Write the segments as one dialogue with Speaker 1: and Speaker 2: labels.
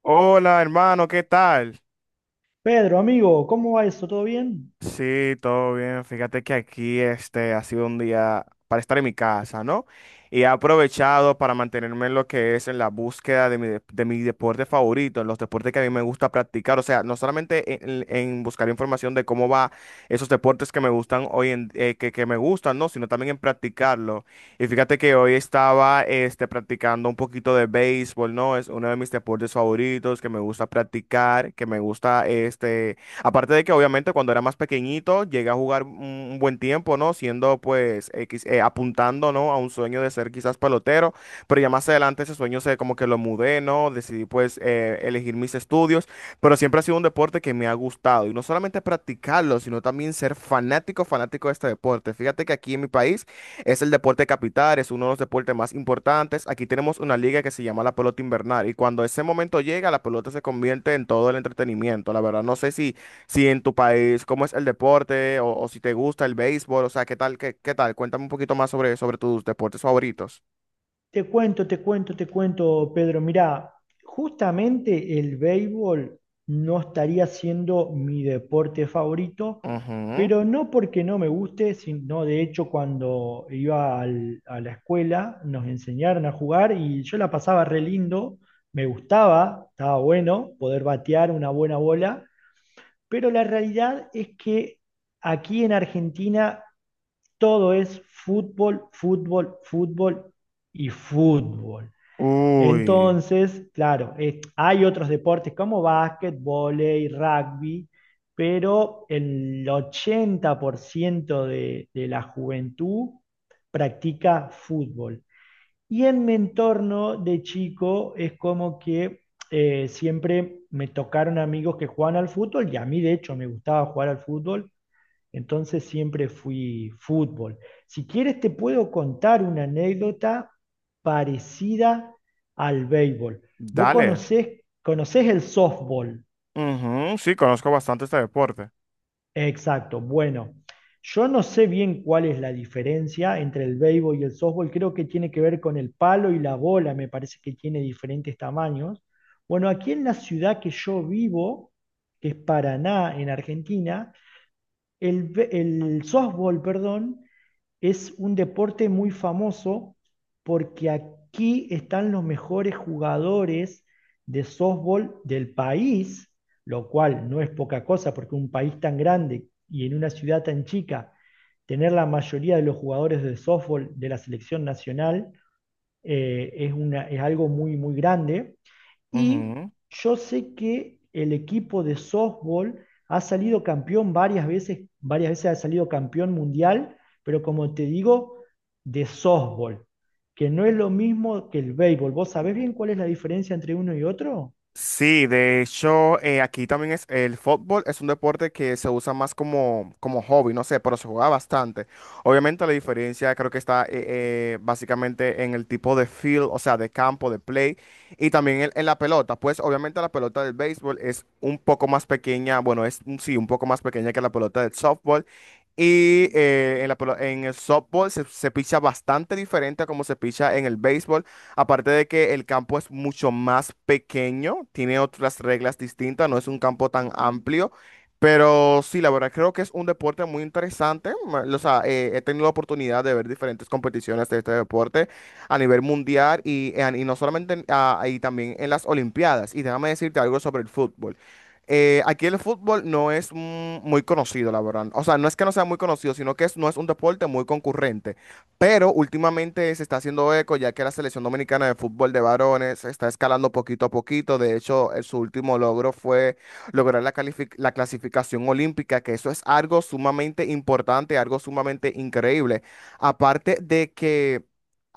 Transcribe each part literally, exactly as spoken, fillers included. Speaker 1: Hola, hermano, ¿qué tal?
Speaker 2: Pedro, amigo, ¿cómo va eso? ¿Todo bien?
Speaker 1: Sí, todo bien. Fíjate que aquí este ha sido un día para estar en mi casa, ¿no? Y he aprovechado para mantenerme en lo que es en la búsqueda de mi, de- de mi deporte favorito, en los deportes que a mí me gusta practicar. O sea, no solamente en, en buscar información de cómo va esos deportes que me gustan hoy en eh, que, que me gustan, ¿no? Sino también en practicarlo. Y fíjate que hoy estaba este practicando un poquito de béisbol, ¿no? Es uno de mis deportes favoritos que me gusta practicar, que me gusta este aparte de que obviamente cuando era más pequeñito llegué a jugar un un buen tiempo, ¿no? Siendo pues X- eh, apuntando, ¿no?, a un sueño de ser quizás pelotero, pero ya más adelante ese sueño, se como que lo mudé, ¿no? Decidí pues eh, elegir mis estudios, pero siempre ha sido un deporte que me ha gustado y no solamente practicarlo, sino también ser fanático, fanático de este deporte. Fíjate que aquí en mi país es el deporte capital, es uno de los deportes más importantes. Aquí tenemos una liga que se llama la pelota invernal y cuando ese momento llega, la pelota se convierte en todo el entretenimiento. La verdad, no sé si si en tu país cómo es el deporte, o o si te gusta el béisbol, o sea, ¿qué tal, qué, qué tal? Cuéntame un poquito más sobre, sobre tus deportes favoritos.
Speaker 2: Te cuento, te cuento, te cuento, Pedro. Mirá, justamente el béisbol no estaría siendo mi deporte favorito,
Speaker 1: Ujú.
Speaker 2: pero no porque no me guste, sino de hecho cuando iba al- a la escuela nos enseñaron a jugar y yo la pasaba re lindo, me gustaba, estaba bueno poder batear una buena bola, pero la realidad es que aquí en Argentina todo es fútbol, fútbol, fútbol y fútbol.
Speaker 1: Uy,
Speaker 2: Entonces, claro, eh, hay otros deportes como básquet, vóley, rugby, pero el ochenta por ciento de, de la juventud practica fútbol. Y en mi entorno de chico es como que eh, siempre me tocaron amigos que juegan al fútbol y a mí de hecho me gustaba jugar al fútbol, entonces siempre fui fútbol. Si quieres te puedo contar una anécdota parecida al béisbol. Vos
Speaker 1: dale.
Speaker 2: conocés, conocés el softball.
Speaker 1: Ujú. Sí, conozco bastante este deporte.
Speaker 2: Exacto. Bueno, yo no sé bien cuál es la diferencia entre el béisbol y el softball. Creo que tiene que ver con el palo y la bola. Me parece que tiene diferentes tamaños. Bueno, aquí en la ciudad que yo vivo, que es Paraná, en Argentina, el, be- el softball, perdón, es un deporte muy famoso porque aquí están los mejores jugadores de softball del país, lo cual no es poca cosa porque un país tan grande y en una ciudad tan chica, tener la mayoría de los jugadores de softball de la selección nacional eh, es, una, es algo muy, muy grande. Y
Speaker 1: Ujú.
Speaker 2: yo sé que el equipo de softball ha salido campeón varias veces, varias veces ha salido campeón mundial, pero como te digo, de softball, que no es lo mismo que el béisbol. ¿Vos sabés bien cuál es la diferencia entre uno y otro?
Speaker 1: Sí, de hecho, eh, aquí también es el fútbol, es un deporte que se usa más como, como hobby, no sé, pero se juega bastante. Obviamente la diferencia creo que está eh, eh, básicamente en el tipo de field, o sea, de campo, de play, y también en, en la pelota. Pues obviamente la pelota del béisbol es un poco más pequeña, bueno, es mm, sí, un poco más pequeña que la pelota del softball. Y eh, en la pelo- en el softball se, se picha bastante diferente a como se picha en el béisbol. Aparte de que el campo es mucho más pequeño, tiene otras reglas distintas, no es un campo tan amplio. Pero sí, la verdad creo que es un deporte muy interesante. ma- O sea, eh, he tenido la oportunidad de ver diferentes competiciones de este deporte a nivel mundial y en- y no solamente en- ah, y también en las Olimpiadas. Y déjame decirte algo sobre el fútbol. Eh, aquí el fútbol no es mm, muy conocido, la verdad. O sea, no es que no sea muy conocido, sino que es- no es un deporte muy concurrente. Pero últimamente se está haciendo eco, ya que la selección dominicana de fútbol de varones está escalando poquito a poquito. De hecho, eh, su último logro fue lograr la, calific- la clasificación olímpica, que eso es algo sumamente importante, algo sumamente increíble. Aparte de que,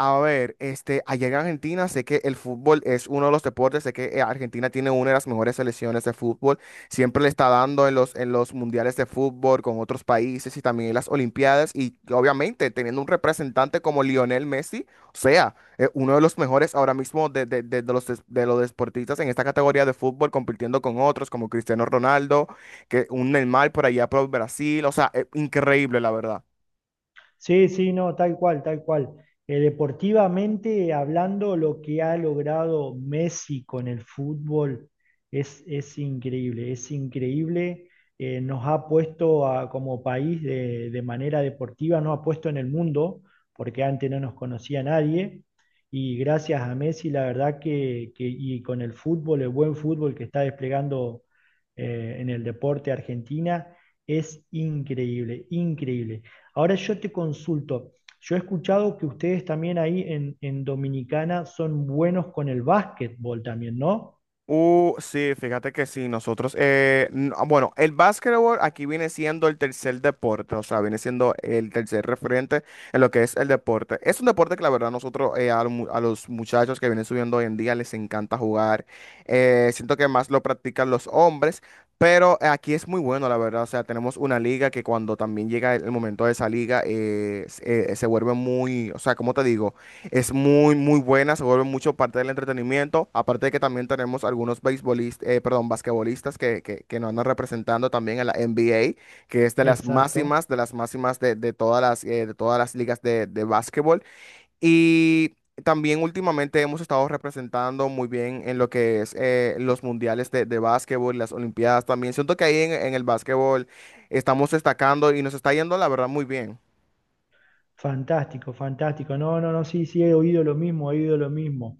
Speaker 1: a ver, este, allá en Argentina sé que el fútbol es uno de los deportes, sé que eh, Argentina tiene una de las mejores selecciones de fútbol, siempre le está dando en los, en los mundiales de fútbol con otros países y también en las Olimpiadas y obviamente teniendo un representante como Lionel Messi, o sea, eh, uno de los mejores ahora mismo de, de- de- de los, des- de los deportistas en esta categoría de fútbol, compitiendo con otros como Cristiano Ronaldo, que un Neymar por allá por Brasil, o sea, eh, increíble la verdad.
Speaker 2: Sí, sí, no, tal cual, tal cual. Eh, deportivamente hablando, lo que ha logrado Messi con el fútbol es, es increíble, es increíble. Eh, nos ha puesto a- como país de, de manera deportiva, nos ha puesto en el mundo, porque antes no nos conocía nadie. Y gracias a Messi, la verdad que, que- y con el fútbol, el buen fútbol que está desplegando eh, en el deporte Argentina, es increíble, increíble. Ahora yo te consulto, yo he escuchado que ustedes también ahí en, en Dominicana son buenos con el básquetbol también, ¿no?
Speaker 1: Uh, sí, fíjate que sí, nosotros, eh, n- ah, bueno, el básquetbol aquí viene siendo el tercer deporte, o sea, viene siendo el tercer referente en lo que es el deporte. Es un deporte que la verdad nosotros, eh, a, lo mu- a los muchachos que vienen subiendo hoy en día les encanta jugar, eh, siento que más lo practican los hombres, pero eh, aquí es muy bueno, la verdad, o sea, tenemos una liga que cuando también llega el el momento de esa liga, eh, s- eh, se vuelve muy, o sea, ¿cómo te digo? Es muy, muy buena, se vuelve mucho parte del entretenimiento. Aparte de que también tenemos algunos beisbolistas, eh, perdón, basquetbolistas que, que, que nos andan representando también en la N B A, que es de las
Speaker 2: Exacto.
Speaker 1: máximas, de las máximas de, de todas las, eh, de todas las ligas de, de básquetbol. Y también últimamente hemos estado representando muy bien en lo que es eh, los mundiales de, de básquetbol, las olimpiadas también. Siento que ahí en, en el básquetbol estamos destacando y nos está yendo, la verdad, muy bien.
Speaker 2: Fantástico, fantástico. No, no, no, sí, sí, he oído lo mismo, he oído lo mismo.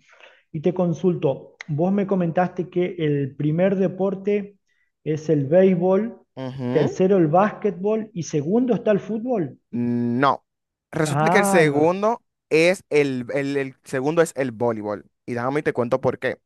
Speaker 2: Y te consulto, vos me comentaste que el primer deporte es el béisbol,
Speaker 1: Ujú.
Speaker 2: tercero el básquetbol y segundo está el fútbol.
Speaker 1: No. Resulta que el
Speaker 2: Ah, ahí va.
Speaker 1: segundo es el, el- el segundo es el voleibol. Y déjame y te cuento por qué.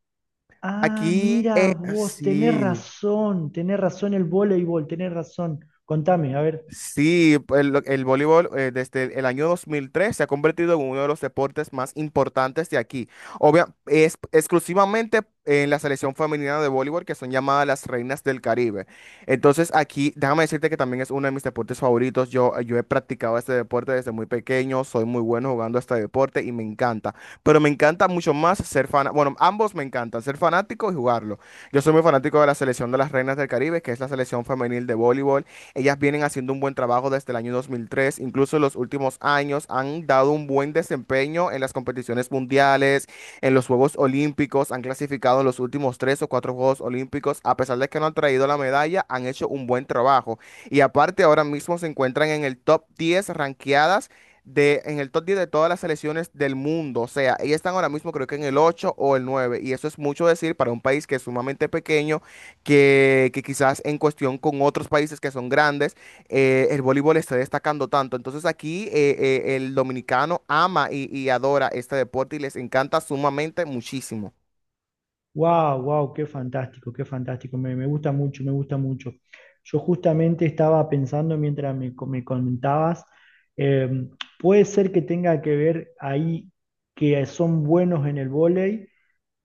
Speaker 2: Ah,
Speaker 1: Aquí,
Speaker 2: mira
Speaker 1: eh,
Speaker 2: vos, tenés
Speaker 1: sí.
Speaker 2: razón, tenés razón el voleibol, tenés razón. Contame, a ver.
Speaker 1: Sí, el, el voleibol eh, desde el año dos mil tres se ha convertido en uno de los deportes más importantes de aquí. Obvia, es exclusivamente en la selección femenina de voleibol que son llamadas las reinas del Caribe. Entonces aquí, déjame decirte que también es uno de mis deportes favoritos. Yo, yo he practicado este deporte desde muy pequeño, soy muy bueno jugando este deporte y me encanta. Pero me encanta mucho más ser fan. Bueno, ambos me encantan, ser fanático y jugarlo. Yo soy muy fanático de la selección de las reinas del Caribe, que es la selección femenil de voleibol. Ellas vienen haciendo un buen trabajo desde el año dos mil tres, incluso en los últimos años han dado un buen desempeño en las competiciones mundiales, en los Juegos Olímpicos, han clasificado en los últimos tres o cuatro Juegos Olímpicos, a pesar de que no han traído la medalla, han hecho un buen trabajo. Y aparte ahora mismo se encuentran en el top diez ranqueadas de, en el top diez de todas las selecciones del mundo. O sea, ellas están ahora mismo creo que en el ocho o el nueve. Y eso es mucho decir para un país que es sumamente pequeño, que, que quizás en cuestión con otros países que son grandes, eh, el voleibol esté destacando tanto. Entonces aquí eh, eh, el dominicano ama y, y adora este deporte y les encanta sumamente muchísimo.
Speaker 2: Wow, wow, qué fantástico, qué fantástico. Me, me gusta mucho, me gusta mucho. Yo justamente estaba pensando mientras me, co- me comentabas, eh, puede ser que tenga que ver ahí que son buenos en el vóley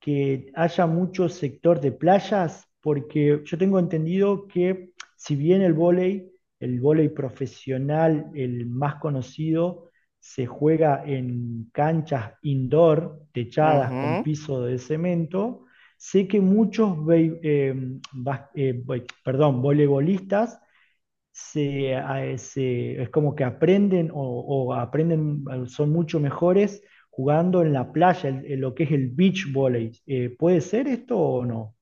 Speaker 2: que haya mucho sector de playas, porque yo tengo entendido que si bien el vóley, el vóley profesional, el más conocido, se juega en canchas indoor, techadas con
Speaker 1: Ujú.
Speaker 2: piso de cemento, sé que muchos vei- eh, bas- eh, voi- perdón, voleibolistas se, a- se- es como que aprenden o, o aprenden, eh, son mucho mejores jugando en la playa, el- el- lo que es el beach volley. Eh, ¿puede ser esto o no?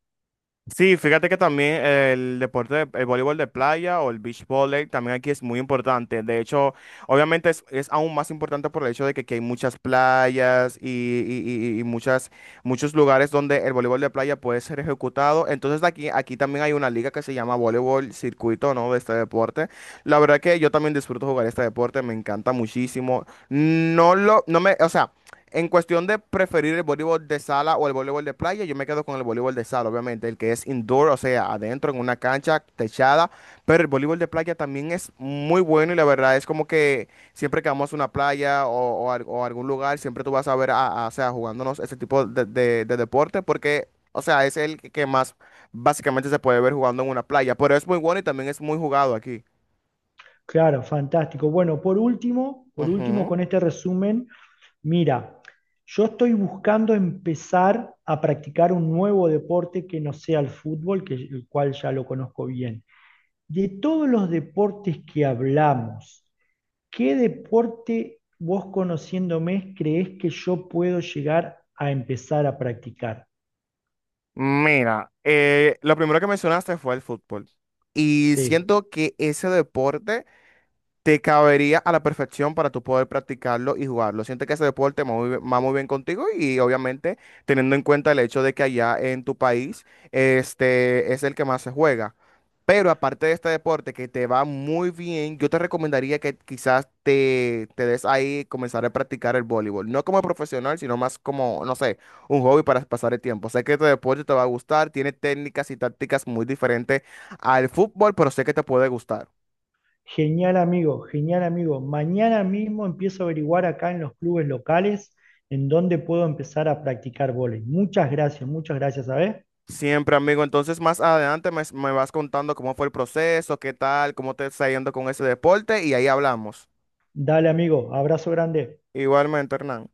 Speaker 1: Sí, fíjate que también el deporte, de- el voleibol de playa o el beach volley también aquí es muy importante. De hecho, obviamente es, es aún más importante por el hecho de que aquí hay muchas playas y, y- y- y muchas, muchos lugares donde el voleibol de playa puede ser ejecutado. Entonces aquí, aquí también hay una liga que se llama voleibol circuito, ¿no? De este deporte. La verdad que yo también disfruto jugar este deporte, me encanta muchísimo. No lo, no me, o sea, en cuestión de preferir el voleibol de sala o el voleibol de playa, yo me quedo con el voleibol de sala, obviamente, el que es indoor, o sea, adentro en una cancha techada, pero el voleibol de playa también es muy bueno y la verdad es como que siempre que vamos a una playa o, o a o a algún lugar, siempre tú vas a ver a, a- o sea, jugándonos ese tipo de, de- de deporte porque, o sea, es el que más básicamente se puede ver jugando en una playa, pero es muy bueno y también es muy jugado aquí.
Speaker 2: Claro, fantástico. Bueno, por último, por último,
Speaker 1: Ujú.
Speaker 2: con este resumen, mira, yo estoy buscando empezar a practicar un nuevo deporte que no sea el fútbol, que, el cual ya lo conozco bien. De todos los deportes que hablamos, ¿qué deporte vos conociéndome creés que yo puedo llegar a empezar a practicar?
Speaker 1: Mira, eh, lo primero que mencionaste fue el fútbol. Y
Speaker 2: Sí.
Speaker 1: siento que ese deporte te cabería a la perfección para tú poder practicarlo y jugarlo. Siento que ese deporte va muy, bien va muy bien contigo y obviamente teniendo en cuenta el hecho de que allá en tu país este, es el que más se juega. Pero aparte de este deporte que te va muy bien, yo te recomendaría que quizás te, te des ahí comenzar a practicar el voleibol. No como profesional, sino más como, no sé, un hobby para pasar el tiempo. Sé que este deporte te va a gustar, tiene técnicas y tácticas muy diferentes al fútbol, pero sé que te puede gustar.
Speaker 2: Genial amigo, genial amigo. Mañana mismo empiezo a averiguar acá en los clubes locales en dónde puedo empezar a practicar vóley. Muchas gracias, muchas gracias, ¿sabes?
Speaker 1: Siempre, amigo. Entonces, más adelante me, me vas contando cómo fue el proceso, qué tal, cómo te está yendo con ese deporte y ahí hablamos.
Speaker 2: Dale amigo, abrazo grande.
Speaker 1: Igualmente, Hernán.